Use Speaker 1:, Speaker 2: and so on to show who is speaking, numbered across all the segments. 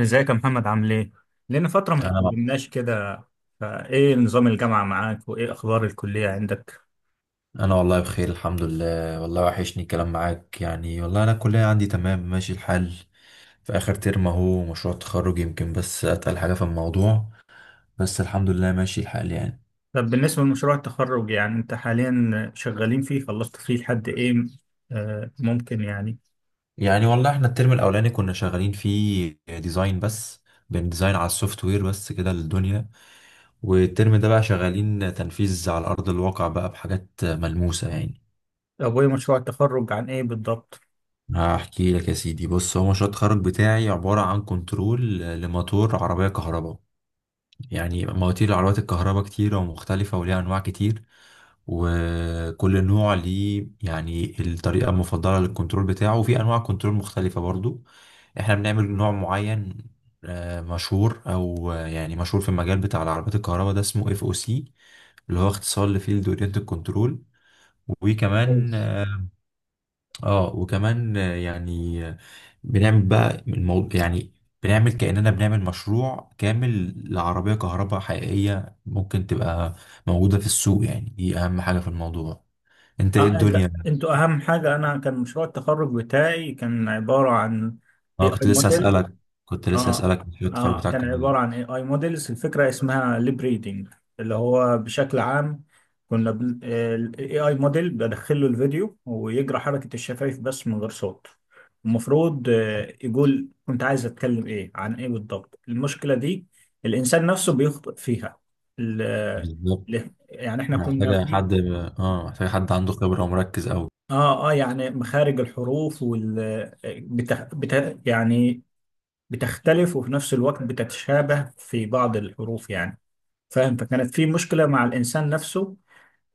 Speaker 1: ازيك يا محمد، عامل ايه؟ لنا فترة ما
Speaker 2: انا
Speaker 1: اتكلمناش كده. فايه نظام الجامعة معاك، وايه اخبار الكلية عندك؟
Speaker 2: انا والله بخير، الحمد لله. والله وحشني الكلام معاك يعني. والله انا الكليه عندي تمام، ماشي الحال. في اخر ترم اهو، مشروع تخرج، يمكن بس اتقل حاجه في الموضوع. بس الحمد لله ماشي الحال يعني
Speaker 1: طب بالنسبة لمشروع التخرج، يعني انت حاليا شغالين فيه، خلصت فيه لحد ايه؟ آه ممكن يعني
Speaker 2: يعني والله احنا الترم الاولاني كنا شغالين فيه ديزاين بس. بنديزاين على السوفت وير بس كده للدنيا. والترم ده بقى شغالين تنفيذ على ارض الواقع بقى بحاجات ملموسه يعني.
Speaker 1: طب وايه مشروع التخرج عن ايه بالضبط؟
Speaker 2: هحكي لك يا سيدي، بص، هو مشروع التخرج بتاعي عبارة عن كنترول لموتور عربية كهرباء. يعني مواتير العربيات الكهرباء كتيرة ومختلفة وليها أنواع كتير. وكل نوع ليه يعني الطريقة المفضلة للكنترول بتاعه، وفي أنواع كنترول مختلفة برضو. احنا بنعمل نوع معين مشهور، أو يعني مشهور في المجال بتاع العربيات الكهرباء ده، اسمه اف او سي، اللي هو اختصار لفيلد اورينتد كنترول. وكمان
Speaker 1: كويس.
Speaker 2: آه، اه وكمان آه، يعني آه، بنعمل بقى الموضوع يعني. بنعمل كأننا بنعمل مشروع كامل لعربية كهرباء حقيقية ممكن تبقى موجودة في السوق، يعني دي أهم حاجة في الموضوع. انت ايه الدنيا؟
Speaker 1: انتوا اهم حاجة. انا كان مشروع التخرج بتاعي كان عبارة عن اي
Speaker 2: اه،
Speaker 1: اي
Speaker 2: كنت لسه
Speaker 1: موديل.
Speaker 2: هسألك كنت لسه
Speaker 1: اه
Speaker 2: هسألك مشروع التخرج
Speaker 1: اه
Speaker 2: بتاعك
Speaker 1: كان
Speaker 2: كان إيه؟
Speaker 1: عبارة عن اي اي موديلز. الفكرة اسمها ليب ريدنج، اللي هو بشكل عام الاي اي موديل بدخل له الفيديو ويجرى حركة الشفايف بس من غير صوت. المفروض يقول كنت عايز اتكلم ايه، عن ايه بالضبط. المشكلة دي الانسان نفسه بيخطئ فيها. ال...
Speaker 2: بالظبط.
Speaker 1: يعني احنا كنا
Speaker 2: محتاجة
Speaker 1: في
Speaker 2: حد اه محتاجة حد عنده خبرة ومركز أوي.
Speaker 1: اه يعني مخارج الحروف وال يعني بتختلف، وفي نفس الوقت بتتشابه في بعض الحروف يعني، فاهم. فكانت في مشكلة مع الإنسان نفسه.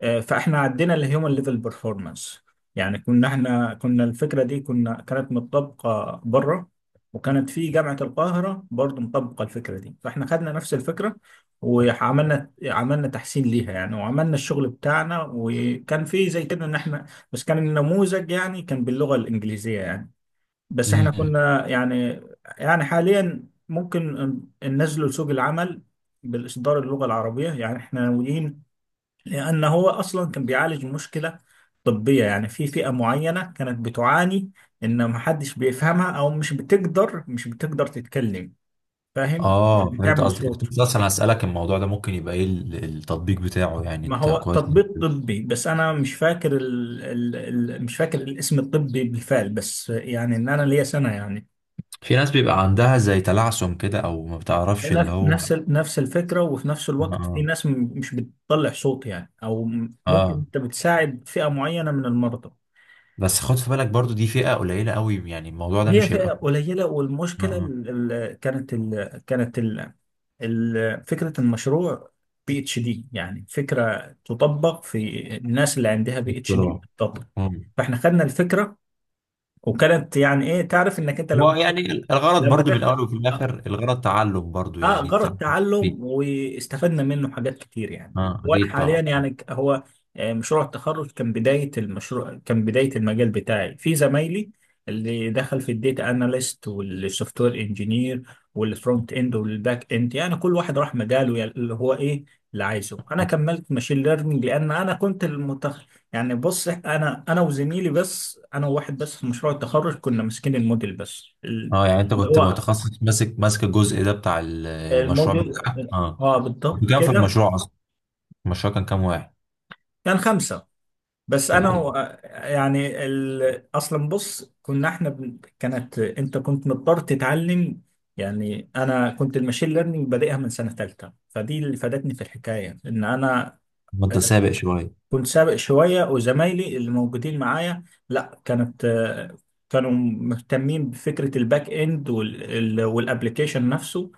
Speaker 1: فإحنا عدينا لهيومن ليفل بيرفورمانس. يعني كنا الفكرة دي كانت مطبقة بره. وكانت في جامعة القاهرة برضو مطبقة الفكرة دي. فإحنا خدنا نفس الفكرة، وعملنا تحسين ليها يعني، وعملنا الشغل بتاعنا. وكان في زي كده، إن إحنا بس كان النموذج يعني كان باللغة الإنجليزية يعني. بس احنا
Speaker 2: امم.
Speaker 1: كنا يعني حاليا ممكن ننزله لسوق العمل بالإصدار اللغة العربية. يعني احنا ناويين، لأن هو أصلا كان بيعالج مشكلة طبية، يعني في فئة معينة كانت بتعاني إن محدش بيفهمها، أو مش بتقدر تتكلم، فاهم. مش
Speaker 2: اه، فهمت
Speaker 1: بتعمل
Speaker 2: قصدك. كنت
Speaker 1: صوت.
Speaker 2: لسه اصلا هسألك الموضوع ده ممكن يبقى ايه ال- التطبيق بتاعه يعني.
Speaker 1: ما
Speaker 2: انت
Speaker 1: هو
Speaker 2: كويس.
Speaker 1: تطبيق طبي، بس أنا مش فاكر ال ال ال مش فاكر الاسم الطبي بالفعل. بس يعني إن أنا ليا سنة يعني.
Speaker 2: في ناس بيبقى عندها زي تلعثم كده، او ما بتعرفش اللي هو اه.
Speaker 1: نفس الفكرة. وفي نفس الوقت في
Speaker 2: اه.
Speaker 1: ناس مش بتطلع صوت يعني، أو ممكن
Speaker 2: آه.
Speaker 1: أنت بتساعد فئة معينة من المرضى.
Speaker 2: بس خد في بالك برضو دي فئة قليلة قوي، يعني الموضوع ده
Speaker 1: هي
Speaker 2: مش
Speaker 1: فئة
Speaker 2: هيبقى
Speaker 1: قليلة،
Speaker 2: اه.
Speaker 1: والمشكلة
Speaker 2: اه.
Speaker 1: ال- ال- كانت ال كانت ال ال فكرة المشروع بي اتش دي. يعني فكرة تطبق في الناس اللي عندها بي اتش دي
Speaker 2: اضطراب.
Speaker 1: بتطبق.
Speaker 2: مم.
Speaker 1: فاحنا خدنا الفكرة، وكانت يعني ايه، تعرف انك انت
Speaker 2: هو
Speaker 1: لما
Speaker 2: يعني الغرض برضو من
Speaker 1: تاخد،
Speaker 2: الاول وفي
Speaker 1: آه،
Speaker 2: الاخر الغرض تعلم برضو،
Speaker 1: اه
Speaker 2: يعني
Speaker 1: جرى
Speaker 2: تعلم فيه.
Speaker 1: التعلم واستفدنا منه حاجات كتير يعني.
Speaker 2: اه،
Speaker 1: وانا
Speaker 2: اكيد
Speaker 1: حاليا
Speaker 2: طبعا.
Speaker 1: يعني هو، مشروع التخرج كان بدايه المشروع، كان بدايه المجال بتاعي، في زمايلي اللي دخل في الديتا اناليست والسوفت وير انجينير والفرونت اند والباك اند. يعني كل واحد راح مجاله، يعني اللي هو ايه اللي عايزه. انا كملت ماشين ليرنينج لان انا كنت يعني بص، انا وزميلي، بس انا وواحد بس في مشروع التخرج كنا ماسكين الموديل بس
Speaker 2: اه، يعني انت كنت
Speaker 1: هو
Speaker 2: متخصص، ماسك ماسك الجزء ده بتاع ال- المشروع
Speaker 1: الموديل.
Speaker 2: بتاعك، اه.
Speaker 1: اه
Speaker 2: كنت
Speaker 1: بالضبط
Speaker 2: كام في
Speaker 1: كده.
Speaker 2: المشروع اصلا؟ المشروع كان كام واحد؟
Speaker 1: كان خمسة، بس
Speaker 2: طب
Speaker 1: انا يعني اصلا بص، كنا كانت انت كنت مضطر تتعلم. يعني انا كنت الماشين ليرنينج بادئها من سنة ثالثة، فدي اللي فادتني في الحكاية ان انا
Speaker 2: ما انت سابق شوية.
Speaker 1: كنت سابق شوية. وزمايلي اللي موجودين معايا لا، كانت آه، كانوا مهتمين بفكرة الباك اند والابلكيشن نفسه.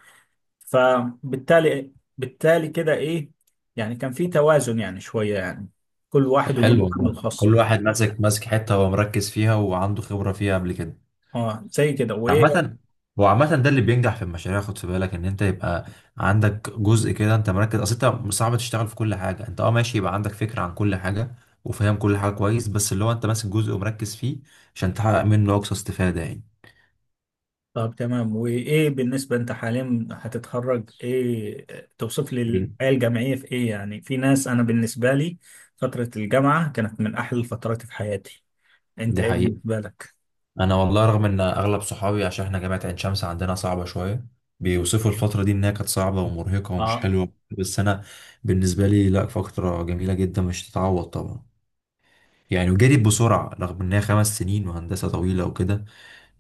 Speaker 1: فبالتالي بالتالي كده ايه، يعني كان في توازن يعني شوية يعني، كل
Speaker 2: طب
Speaker 1: واحد وليه
Speaker 2: حلو
Speaker 1: مقام
Speaker 2: والله،
Speaker 1: الخاص
Speaker 2: كل
Speaker 1: بتاعه.
Speaker 2: واحد ماسك ماسك حتة هو مركز فيها وعنده خبرة فيها قبل كده.
Speaker 1: اه زي كده وايه.
Speaker 2: عامة، هو عامة ده اللي بينجح في المشاريع. خد في بالك ان انت يبقى عندك جزء كده انت مركز اصل. انت صعب تشتغل في كل حاجة، انت اه ماشي، يبقى عندك فكرة عن كل حاجة وفاهم كل حاجة كويس، بس اللي هو انت ماسك جزء ومركز فيه عشان تحقق منه اقصى استفادة يعني.
Speaker 1: طب تمام، وايه بالنسبة، انت حاليا هتتخرج ايه؟ توصف لي الحياة الجامعية في ايه؟ يعني في ناس، انا بالنسبة لي فترة الجامعة كانت من احلى الفترات في حياتي. انت
Speaker 2: دي
Speaker 1: ايه
Speaker 2: حقيقة.
Speaker 1: بالنسبة لك؟
Speaker 2: انا والله رغم ان اغلب صحابي، عشان احنا جامعة عين شمس عندنا صعبة شوية، بيوصفوا الفترة دي انها كانت صعبة ومرهقة ومش
Speaker 1: اه.
Speaker 2: حلوة، بس انا بالنسبة لي لا، فترة جميلة جدا مش تتعوض طبعا. يعني وجريت بسرعة، رغم انها خمس سنين وهندسة طويلة وكده،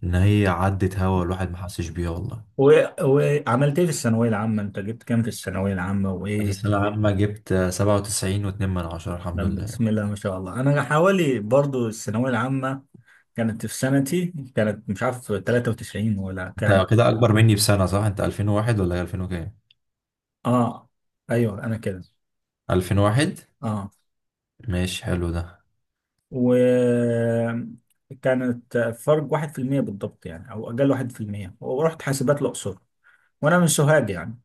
Speaker 2: ان هي عدت، هوا الواحد ما حسش بيها والله.
Speaker 1: و... وعملت ايه في الثانوية العامة؟ انت جبت كام في الثانوية العامة
Speaker 2: في
Speaker 1: وايه؟
Speaker 2: السنة العامة جبت سبعة وتسعين واتنين من عشرة، الحمد
Speaker 1: طب
Speaker 2: لله.
Speaker 1: بسم الله ما شاء الله. انا حوالي برضو الثانوية العامة كانت في سنتي، كانت مش عارف 93 ولا كام.
Speaker 2: انت كده اكبر مني بسنة صح؟ انت الفين وواحد ولا هي الفين وكام؟
Speaker 1: اه ايوه، انا كده.
Speaker 2: الفين واحد.
Speaker 1: اه
Speaker 2: ماشي، حلو ده.
Speaker 1: وكانت فرق 1% بالضبط يعني، او اقل 1%. ورحت حاسبات الاقصر، وانا من سوهاج يعني،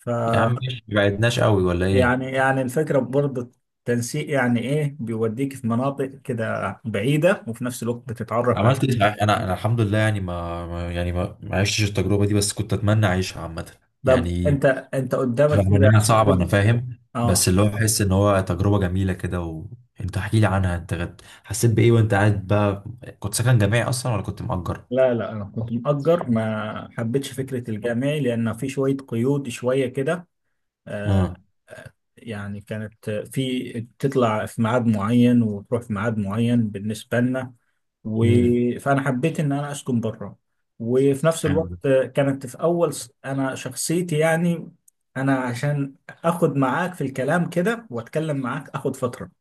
Speaker 1: ف،
Speaker 2: يا عم ماشي، مبعدناش قوي ولا ايه؟
Speaker 1: يعني الفكره برضه التنسيق. يعني ايه، بيوديك في مناطق كده بعيده، وفي نفس الوقت بتتعرف على.
Speaker 2: عملت ايه صحيح؟ انا الحمد لله يعني ما ما- يعني ما ما عشتش التجربه دي، بس كنت اتمنى اعيشها عامه
Speaker 1: طب
Speaker 2: يعني.
Speaker 1: انت قدامك
Speaker 2: رغم
Speaker 1: كده.
Speaker 2: انها صعبه انا فاهم، بس
Speaker 1: اه
Speaker 2: اللي هو احس ان هو تجربه جميله كده، وانت احكي لي عنها انت غد- حسيت بايه وانت قاعد بقى؟ كنت سكن جامعي اصلا ولا كنت مأجر؟
Speaker 1: لا لا، انا كنت مأجر. ما حبيتش فكرة الجامعي لان في شوية قيود شوية كده. آه،
Speaker 2: اه.
Speaker 1: يعني كانت في، تطلع في ميعاد معين وتروح في ميعاد معين بالنسبة لنا. و...
Speaker 2: امم.
Speaker 1: فانا حبيت ان انا اسكن بره. وفي نفس
Speaker 2: حلو
Speaker 1: الوقت
Speaker 2: ده.
Speaker 1: كانت في اول انا شخصيتي يعني، انا عشان اخد معاك في الكلام كده واتكلم معاك اخد فترة.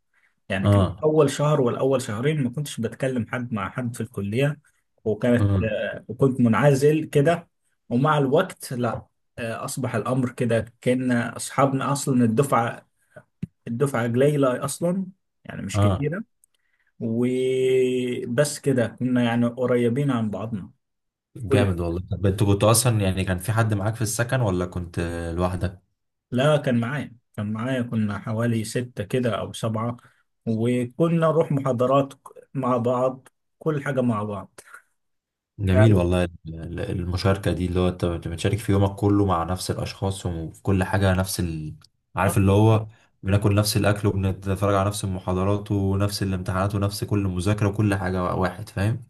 Speaker 1: يعني كان
Speaker 2: اه.
Speaker 1: أول شهر ولا أول شهرين ما كنتش بتكلم حد مع حد في الكلية. وكانت
Speaker 2: اه.
Speaker 1: آه، وكنت منعزل كده. ومع الوقت لا، أصبح الأمر كده، كأن أصحابنا أصلا. الدفعة قليلة أصلا، يعني مش
Speaker 2: اه.
Speaker 1: كتيرة. وبس كده كنا يعني قريبين عن بعضنا. كل
Speaker 2: جامد والله. طب انت كنت اصلا يعني كان في حد معاك في السكن ولا كنت لوحدك؟
Speaker 1: لا، كان معايا، كنا حوالي ستة كده أو سبعة، وكنا نروح محاضرات مع بعض، كل حاجة مع بعض،
Speaker 2: جميل والله. ال- ال- المشاركة دي اللي هو انت بت- بتشارك في يومك كله مع نفس الأشخاص، وفي كل حاجة نفس ال... عارف
Speaker 1: تعرف.
Speaker 2: اللي هو بناكل نفس الأكل، وبنتفرج على نفس المحاضرات ونفس الامتحانات ونفس كل مذاكرة وكل حاجة، واحد فاهم.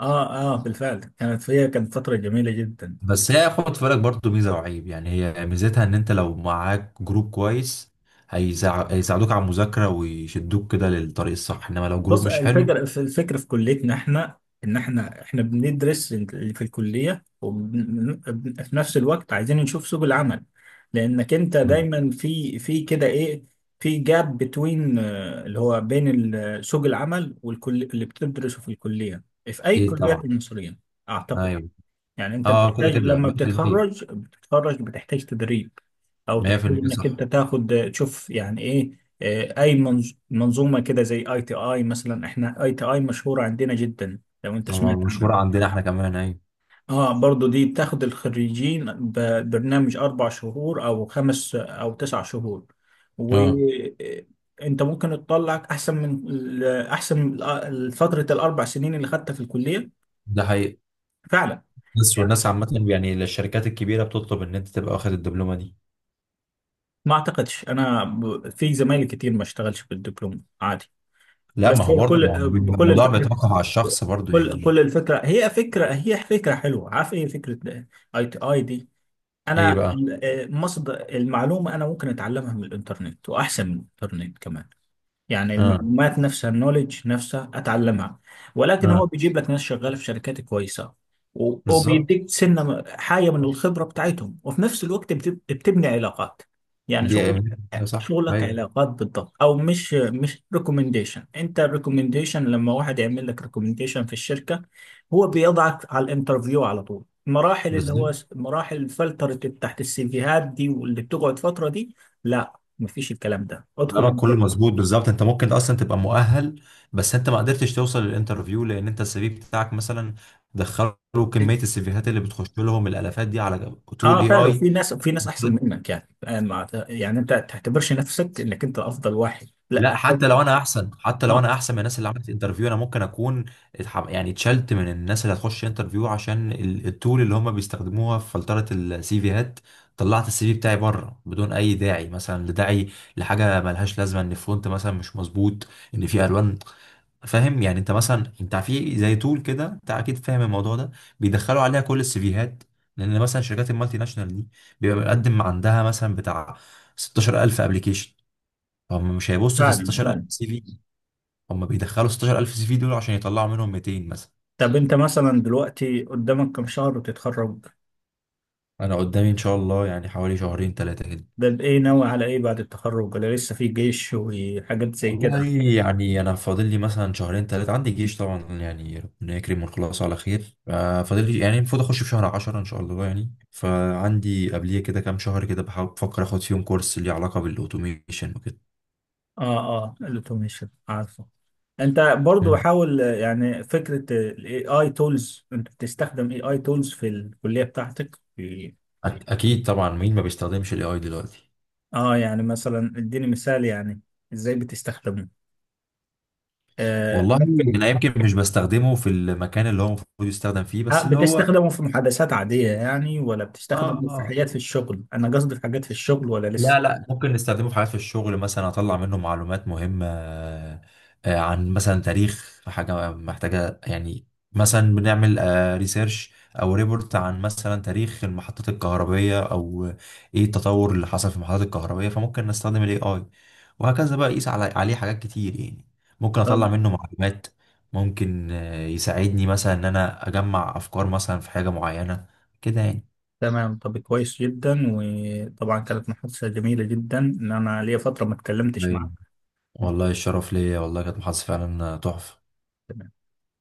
Speaker 1: اه اه، بالفعل كانت فيها، فترة جميلة جدا.
Speaker 2: بس هي خد في بالك برضه ميزة وعيب، يعني هي ميزتها إن أنت لو معاك جروب كويس هيساعدوك على المذاكرة ويشدوك كده للطريق الصح، إنما لو جروب
Speaker 1: بص،
Speaker 2: مش حلو.
Speaker 1: الفكرة في، كليتنا احنا، ان احنا بندرس اللي في الكلية، وفي نفس الوقت عايزين نشوف سوق العمل. لانك انت
Speaker 2: مم.
Speaker 1: دايما في كده ايه، في جاب بتوين، اللي هو بين سوق العمل والكل اللي بتدرسه في الكلية، في اي
Speaker 2: ايه
Speaker 1: كليات
Speaker 2: طبعا.
Speaker 1: المصرية اعتقد.
Speaker 2: ايوه.
Speaker 1: يعني انت
Speaker 2: اه كده
Speaker 1: بتحتاج،
Speaker 2: كده
Speaker 1: لما
Speaker 2: 100%.
Speaker 1: بتتخرج بتحتاج تدريب، او تحتاج
Speaker 2: 100%
Speaker 1: انك انت
Speaker 2: صح.
Speaker 1: تاخد تشوف يعني ايه، اي منظومه كده، زي اي تي اي مثلا. احنا اي تي اي مشهوره عندنا جدا لو انت سمعت عنها.
Speaker 2: مشهورة عندنا احنا كمان ايوه.
Speaker 1: اه برضو دي بتاخد الخريجين ببرنامج 4 شهور او خمس او 9 شهور.
Speaker 2: اه،
Speaker 1: وانت ممكن تطلع احسن من فتره الاربع سنين اللي خدتها في الكليه
Speaker 2: ده حقيقي.
Speaker 1: فعلا.
Speaker 2: بس والناس عامة يعني الشركات الكبيرة بتطلب ان انت تبقى واخد الدبلومة دي.
Speaker 1: ما اعتقدش انا في زمايلي كتير ما اشتغلش بالدبلوم عادي.
Speaker 2: لا ما
Speaker 1: بس
Speaker 2: هو
Speaker 1: هي
Speaker 2: برضه، ما هو بيبقى
Speaker 1: كل
Speaker 2: الموضوع
Speaker 1: الفكره
Speaker 2: بيتوقف على الشخص برضه يعني.
Speaker 1: كل الفكره، هي فكره حلوه. عارف ايه فكره اي تي اي دي؟
Speaker 2: ايه
Speaker 1: انا
Speaker 2: بقى؟
Speaker 1: مصدر المعلومه انا ممكن اتعلمها من الانترنت، واحسن من الانترنت كمان. يعني
Speaker 2: اه.
Speaker 1: المعلومات نفسها، النولج نفسها اتعلمها. ولكن هو
Speaker 2: اه.
Speaker 1: بيجيب لك ناس شغاله في شركات كويسه،
Speaker 2: بالظبط.
Speaker 1: وبيديك سنه حاجه من الخبره بتاعتهم. وفي نفس الوقت بتبني علاقات، يعني
Speaker 2: دي أيوة. صح
Speaker 1: شغلك
Speaker 2: ايوه.
Speaker 1: علاقات بالضبط. او مش ريكومنديشن. انت الريكومنديشن لما واحد يعمل لك ريكومنديشن في الشركه، هو بيضعك على الانترفيو على طول. المراحل اللي
Speaker 2: بالظبط.
Speaker 1: هو مراحل فلترة تحت السيفيهات دي، واللي بتقعد فتره دي، لا مفيش الكلام ده.
Speaker 2: كلامك
Speaker 1: ادخل.
Speaker 2: كله مظبوط بالظبط. انت ممكن اصلا تبقى مؤهل، بس انت ما قدرتش توصل للانترفيو لان انت السي في بتاعك مثلا دخلوا كمية السيفيهات اللي بتخش لهم، الالافات دي على طول
Speaker 1: اه
Speaker 2: اي
Speaker 1: فعلا.
Speaker 2: اي.
Speaker 1: وفي ناس، في ناس احسن منك يعني، ما يعني انت تعتبرش نفسك انك انت افضل واحد، لا.
Speaker 2: لا، حتى لو انا احسن، حتى لو
Speaker 1: اه
Speaker 2: انا احسن من الناس اللي عملت انترفيو، انا ممكن اكون يعني اتشلت من الناس اللي هتخش انترفيو عشان ال- التول اللي هم بيستخدموها في فلترة السي فيهات. طلعت السي في بتاعي بره بدون اي داعي، مثلا لداعي لحاجه ملهاش لازمه، ان الفونت مثلا مش مظبوط، ان في الوان، فاهم يعني. انت مثلا انت في زي تول كده، انت اكيد فاهم الموضوع ده، بيدخلوا عليها كل السي فيهات. لان مثلا شركات المالتي ناشونال دي بيبقى مقدم عندها مثلا بتاع 16000 ابلكيشن. هم مش هيبصوا في
Speaker 1: فعلا
Speaker 2: 16000
Speaker 1: فعلا.
Speaker 2: سي في. هم بيدخلوا 16000 سي في دول عشان يطلعوا منهم 200 مثلا.
Speaker 1: طب انت مثلا دلوقتي قدامك كم شهر وتتخرج؟
Speaker 2: انا قدامي ان شاء الله يعني حوالي شهرين ثلاثه كده.
Speaker 1: ده بإيه، ناوي على إيه بعد التخرج، ولا لسه في جيش وحاجات زي كده؟
Speaker 2: والله يعني انا فاضل لي مثلا شهرين ثلاثه، عندي جيش طبعا، يعني ربنا يكرم ونخلص على خير. فاضل لي يعني المفروض اخش في شهر 10 ان شاء الله يعني، فعندي قبليه كده كام شهر كده بحاول بفكر اخد فيهم كورس ليه علاقه بالاوتوميشن وكده.
Speaker 1: الأوتوميشن عارفه. أنت برضو
Speaker 2: مم.
Speaker 1: حاول، يعني فكرة ال AI tools، أنت بتستخدم AI tools في الكلية بتاعتك في،
Speaker 2: اكيد طبعا، مين ما بيستخدمش الاي اي دلوقتي؟
Speaker 1: يعني مثلا إديني مثال، يعني إزاي بتستخدمه؟ آه
Speaker 2: والله
Speaker 1: ممكن
Speaker 2: انا يمكن مش بستخدمه في المكان اللي هو المفروض يستخدم فيه، بس اللي هو
Speaker 1: بتستخدمه في محادثات عادية يعني، ولا بتستخدمه في
Speaker 2: اه.
Speaker 1: حاجات في الشغل؟ أنا قصدي في حاجات في الشغل، ولا لسه.
Speaker 2: لا لا، ممكن نستخدمه في حاجات في الشغل، مثلا اطلع منه معلومات مهمة. عن مثلا تاريخ حاجة محتاجة يعني. مثلا بنعمل ريسيرش او ريبورت عن مثلا تاريخ المحطات الكهربية، او ايه التطور اللي حصل في المحطات الكهربية، فممكن نستخدم الاي اي. وهكذا بقى، يقيس على عليه حاجات كتير يعني. ممكن اطلع منه معلومات، ممكن يساعدني مثلا ان انا اجمع افكار مثلا في حاجة معينة كده يعني.
Speaker 1: تمام، طب كويس جدا. وطبعا كانت محادثة جميلة جدا، ان انا ليا فترة ما اتكلمتش معاك.
Speaker 2: والله الشرف ليا، والله كانت محادثة فعلا تحفة.